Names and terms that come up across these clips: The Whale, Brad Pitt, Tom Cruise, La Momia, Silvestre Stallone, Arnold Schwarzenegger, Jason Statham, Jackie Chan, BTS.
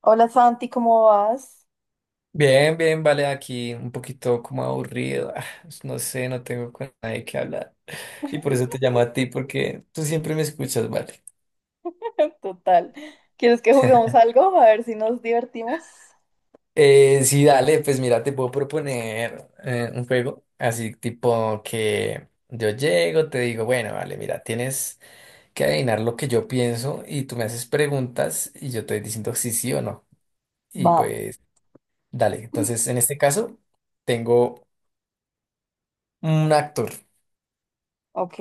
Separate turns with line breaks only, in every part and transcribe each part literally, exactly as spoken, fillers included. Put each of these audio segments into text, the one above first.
Hola Santi, ¿cómo vas?
Bien, bien, vale, aquí un poquito como aburrido. ah, No sé, no tengo con nadie que hablar. Y por eso te llamo a ti, porque tú siempre me escuchas, vale.
Total. ¿Quieres que juguemos algo? A ver si nos divertimos.
Eh, sí, dale, pues mira, te puedo proponer eh, un juego, así tipo que yo llego, te digo, bueno, vale, mira, tienes que adivinar lo que yo pienso y tú me haces preguntas y yo te voy diciendo sí, sí o no. Y
Va,
pues, dale, entonces en este caso tengo un actor.
ok.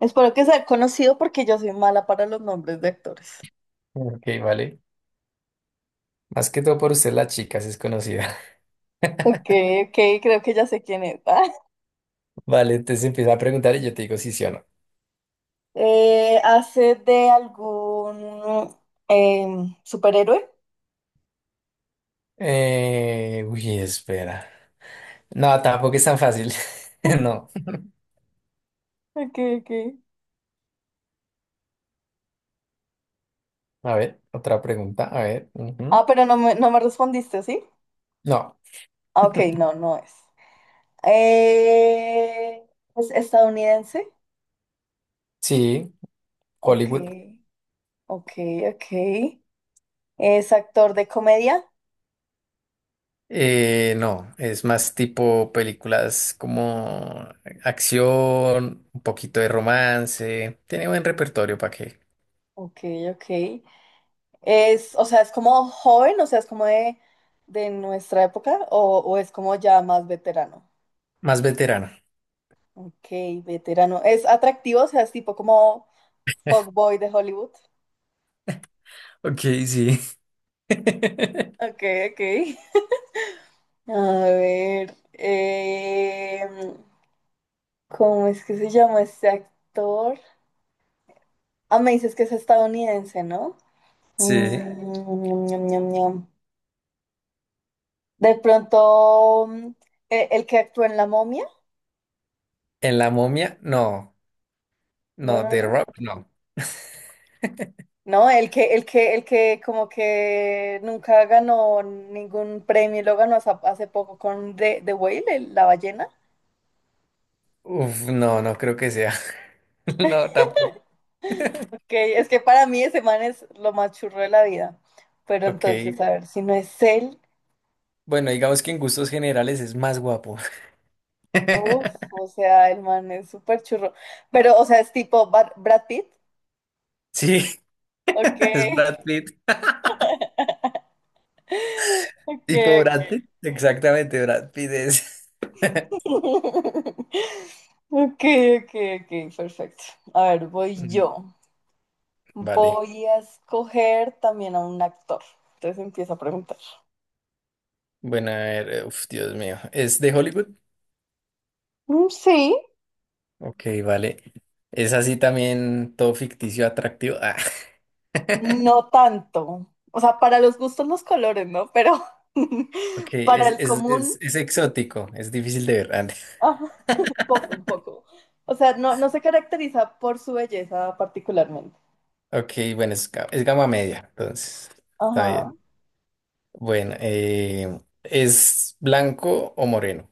Espero que sea conocido porque yo soy mala para los nombres de actores.
Ok, vale. Más que todo por usted, la chica, si es conocida.
Ok, ok, creo que ya sé quién es.
Vale, entonces empieza a preguntar y yo te digo si sí o no.
Eh, ¿hace de algún em, superhéroe?
Eh, uy, espera. No, tampoco es tan fácil. No.
Ok, ok.
A ver, otra pregunta. A ver.
Ah,
Ujú.
pero no me, no me respondiste, ¿sí?
No.
Ah, ok, no, no es. Eh, ¿es estadounidense?
Sí,
Ok,
Hollywood.
ok, ok. Es actor de comedia.
Eh, no, es más tipo películas como acción, un poquito de romance. Tiene buen repertorio para que.
Ok, ok. Es, o sea, es como joven, o sea, es como de, de nuestra época, o, o es como ya más veterano.
Más veterano.
Ok, veterano. Es atractivo, o sea, es tipo como fuckboy de Hollywood.
Ok, sí.
Ok, ok. A ver, em, ¿cómo es que se llama este actor? Ah, me dices que es estadounidense, ¿no? Mm, sí.
Sí.
Ñam, ñam, ñam. De pronto, mm, e- el que actuó en La Momia.
En La Momia, no.
No,
No,
no,
The
no.
Rock, no.
No, el que, el que, el que como que nunca ganó ningún premio, lo ganó hace, hace poco con The, The Whale, el- la ballena.
Uf, no, no creo que sea. No, tampoco.
Ok, es que para mí ese man es lo más churro de la vida. Pero
Ok.
entonces, a ver, si no es él,
Bueno, digamos que en gustos generales es más guapo.
uff, o sea, el man es súper churro. Pero, o sea, es tipo Brad, Brad Pitt.
Sí,
Ok,
es Brad Pitt.
ok,
¿Tipo Brad Pitt? Exactamente, Brad Pitt es.
ok. Ok, ok, ok, perfecto. A ver, voy
Ujú.
yo.
Vale.
Voy a escoger también a un actor. Entonces empiezo a preguntar.
Bueno, a ver, eh, uf, Dios mío. ¿Es de Hollywood?
"Mm, sí,
Ok, vale. ¿Es así también todo ficticio, atractivo? Ah,
no tanto. O sea, para los gustos los colores, ¿no? Pero
ok,
para
es,
el
es,
común,
es, es exótico, es difícil de ver. Ah,
ajá, un poco, un poco. O sea, no, no se caracteriza por su belleza particularmente.
ok, bueno, es, ga- es gama media, entonces, está
Ajá.
bien. Bueno, eh, ¿es blanco o moreno?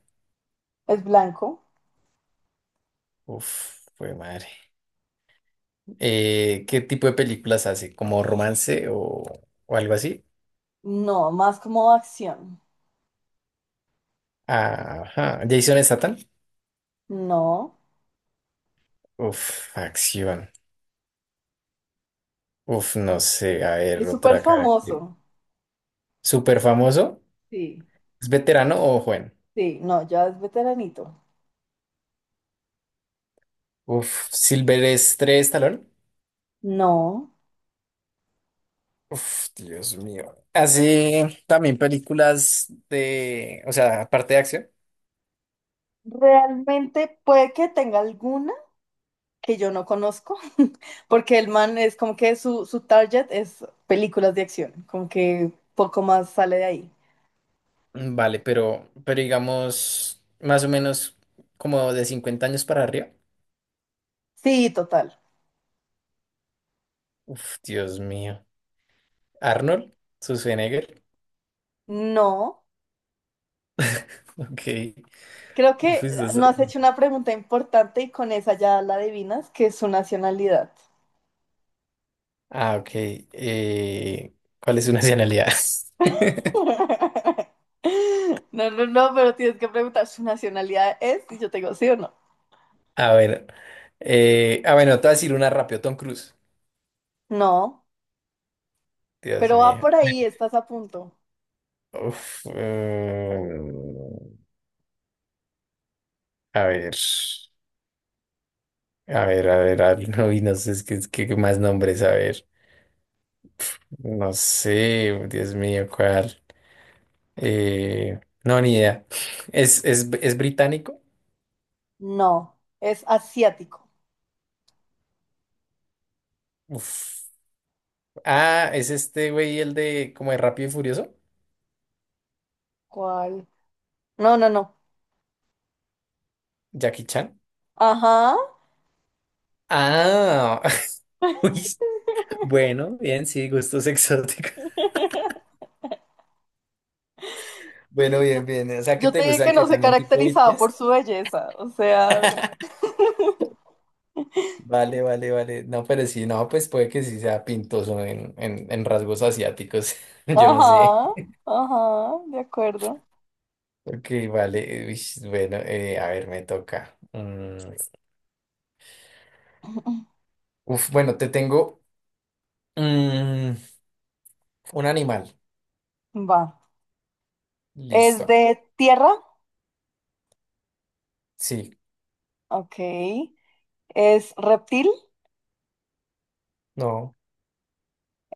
¿Es blanco?
Uf, fue madre. Eh, ¿qué tipo de películas hace? ¿Como romance o, o algo así?
No, más como acción.
Ajá. ¿Jason Statham?
No.
Uf, acción. Uf, no sé. A ver,
¿Es súper
otra cara.
famoso?
¿Súper famoso?
Sí.
¿Es veterano o joven?
Sí, no, ya es veteranito.
Uf, ¿Silvestre Stallone?
No.
Uf, Dios mío. Hace también películas de, o sea, aparte de acción.
Realmente puede que tenga alguna que yo no conozco, porque el man es como que su, su target es películas de acción, como que poco más sale de ahí.
Mm, Vale, pero, pero digamos, más o menos como de cincuenta años para arriba.
Sí, total.
Uf, Dios mío. Arnold Schwarzenegger.
No,
Ok.
creo
Uf,
que
eso
ah,
es-
no has hecho una pregunta importante y con esa ya la adivinas, que es su nacionalidad.
Ah, ok. Eh, ¿cuál es su nacionalidad?
No, no, no, pero tienes que preguntar, ¿su nacionalidad es? Y yo te digo, ¿sí o no?
A ver. Eh, ah, bueno, te voy a decir una rápido. Tom Cruise.
No,
Dios
pero va
mío.
por ahí, estás a punto.
Uf, mm, a ver. A ver, a ver, a ver, no, y no sé, es que, es que- qué más nombres, a ver. No sé, Dios mío, ¿cuál? Eh, no, ni idea. ¿Es, es, es británico?
No, es asiático.
Uf. Ah, es este güey, el de como de Rápido y Furioso,
¿Cuál? No, no, no.
Jackie Chan.
Ajá.
Ah, uy, bueno, bien, sí, gustos exóticos. Bueno, bien,
Yo,
bien. O sea, ¿qué
yo te
te
dije que
gustan? ¿Que
no se
también tipo
caracterizaba por
B T S?
su belleza, o sea,
Vale, vale, vale. No, pero sí, no, pues puede que sí sea pintoso en, en, en rasgos asiáticos. Yo no sé.
ajá, ajá, de acuerdo.
Ok, vale. Uy, bueno, eh, a ver, me toca. Mm, Uf, bueno, te tengo. mm, Un animal.
Va. ¿Es
Listo.
de tierra?
Sí.
Ok. ¿Es reptil?
No.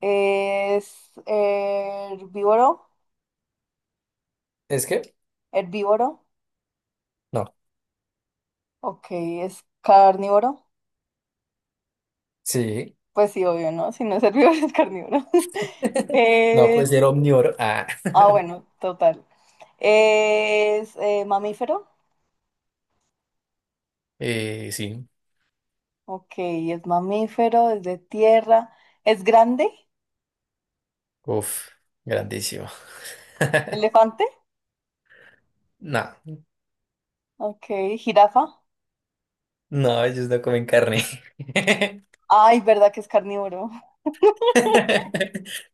¿Es herbívoro?
¿Es que?
¿Herbívoro?
No.
Ok. ¿Es carnívoro?
Sí.
Pues sí, obvio, ¿no? Si no es herbívoro, es carnívoro.
No
Es...
puede ser omnívoro. Ah.
Ah, bueno, total. ¿Es eh, mamífero?
Eh, sí.
Ok, es mamífero, es de tierra, es grande,
Uf. Grandísimo.
elefante,
No.
ok, jirafa.
No, ellos no comen carne.
Ay, verdad que es carnívoro.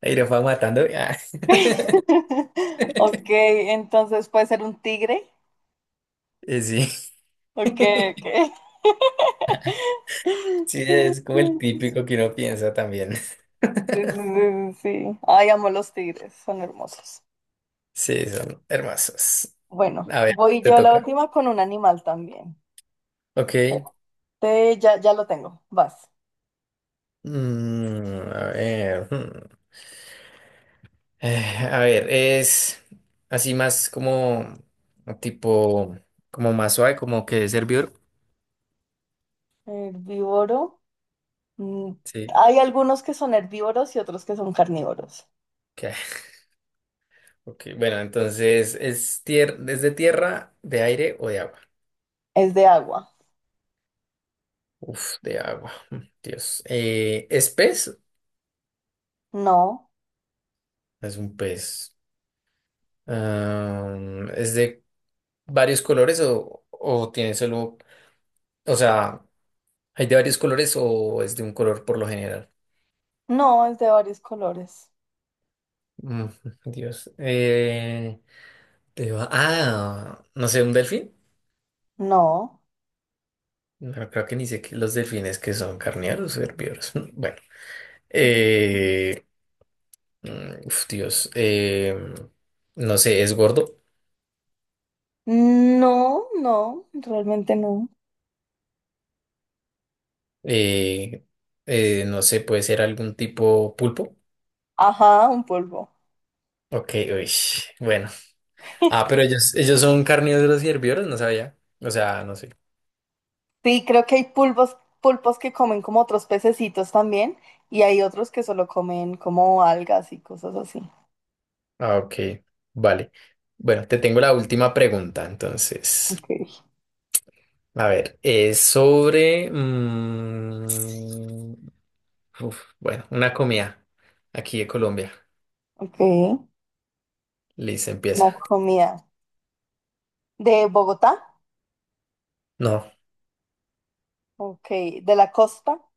Ahí lo van matando. Ah.
Ok, entonces puede ser un tigre.
Eh, Sí.
Ok, ok.
Sí, es como el típico que uno piensa también.
Sí, sí, sí, sí, sí. Ay, amo los tigres, son hermosos.
Sí, son hermosos.
Bueno,
A ver,
voy
te
yo la
toca.
última con un animal también.
Ok.
Espérate, ya, ya lo tengo, vas.
Mm, a ver. Hmm. Eh, a ver, es así más como tipo, como más suave, como que de servidor.
Herbívoro. Mm,
Sí.
hay algunos que son herbívoros y otros que son carnívoros.
Ok, ok, bueno, entonces es tier ¿es de tierra, de aire o de agua?
Es de agua.
Uf, de agua. mm, Dios. Eh, ¿es pez?
No,
Es un pez. Am, ¿es de varios colores o, o tiene solo, o sea, hay de varios colores o es de un color por lo general?
no, es de varios colores.
Mm, Dios. Eh, Te va- Ah, no sé, un delfín.
No,
No creo que ni sé qué los delfines que son carnívoros o herbívoros. Bueno, eh, mm, uf, Dios, eh, no sé, es gordo.
no, no, realmente no.
Eh, eh, no sé, puede ser algún tipo pulpo.
Ajá, un pulpo.
Ok, uy, bueno. Ah, pero ellos, ellos son carnívoros y herbívoros, no sabía. O sea, no sé.
Sí, creo que hay pulpos, pulpos que comen como otros pececitos también y hay otros que solo comen como algas y cosas así.
Ah, ok, vale. Bueno, te tengo la última pregunta, entonces.
Ok,
A ver, es sobre... mm, Uf, bueno, una comida aquí de Colombia.
ok.
Listo, empieza.
Una comida. ¿De Bogotá?
No,
Ok, ¿de la costa?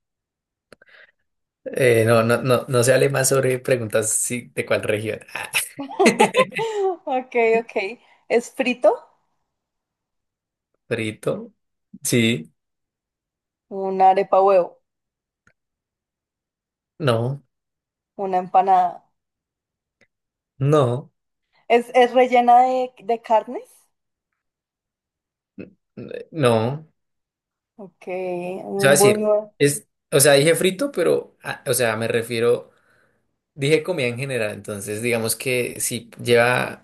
eh, no, no, no, no se hable más sobre preguntas sí, de cuál región.
Ok, ok. ¿Es frito?
Frito, sí,
Una arepa huevo.
no,
Una empanada.
no,
¿Es, es rellena de, de carnes?
n- no.
Ok,
O sea,
un
decir,
buñuelo.
es, o sea, dije frito, pero, ah, o sea, me refiero, dije comida en general. Entonces, digamos que si lleva,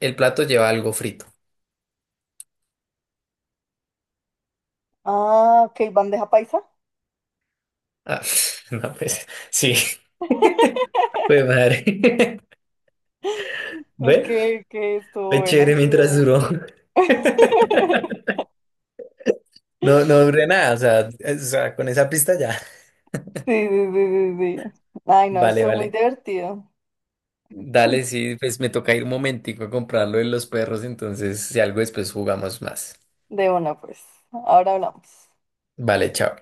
el plato lleva algo frito.
Ah, ok, bandeja paisa.
Ah, no, pues, sí. Pues madre.
Ok,
¿Ve?
ok, estuvo
Fue
buena,
chévere mientras
estuvo.
duró. No, no duré nada, o sea, es- o sea, con esa pista ya.
Sí, sí, sí, sí, sí. Ay, no,
Vale,
estuvo muy
vale.
divertido.
Dale, sí, pues me toca ir un momentico a comprarlo de los perros, entonces si algo después jugamos más.
De una, pues. Ahora hablamos.
Vale, chao.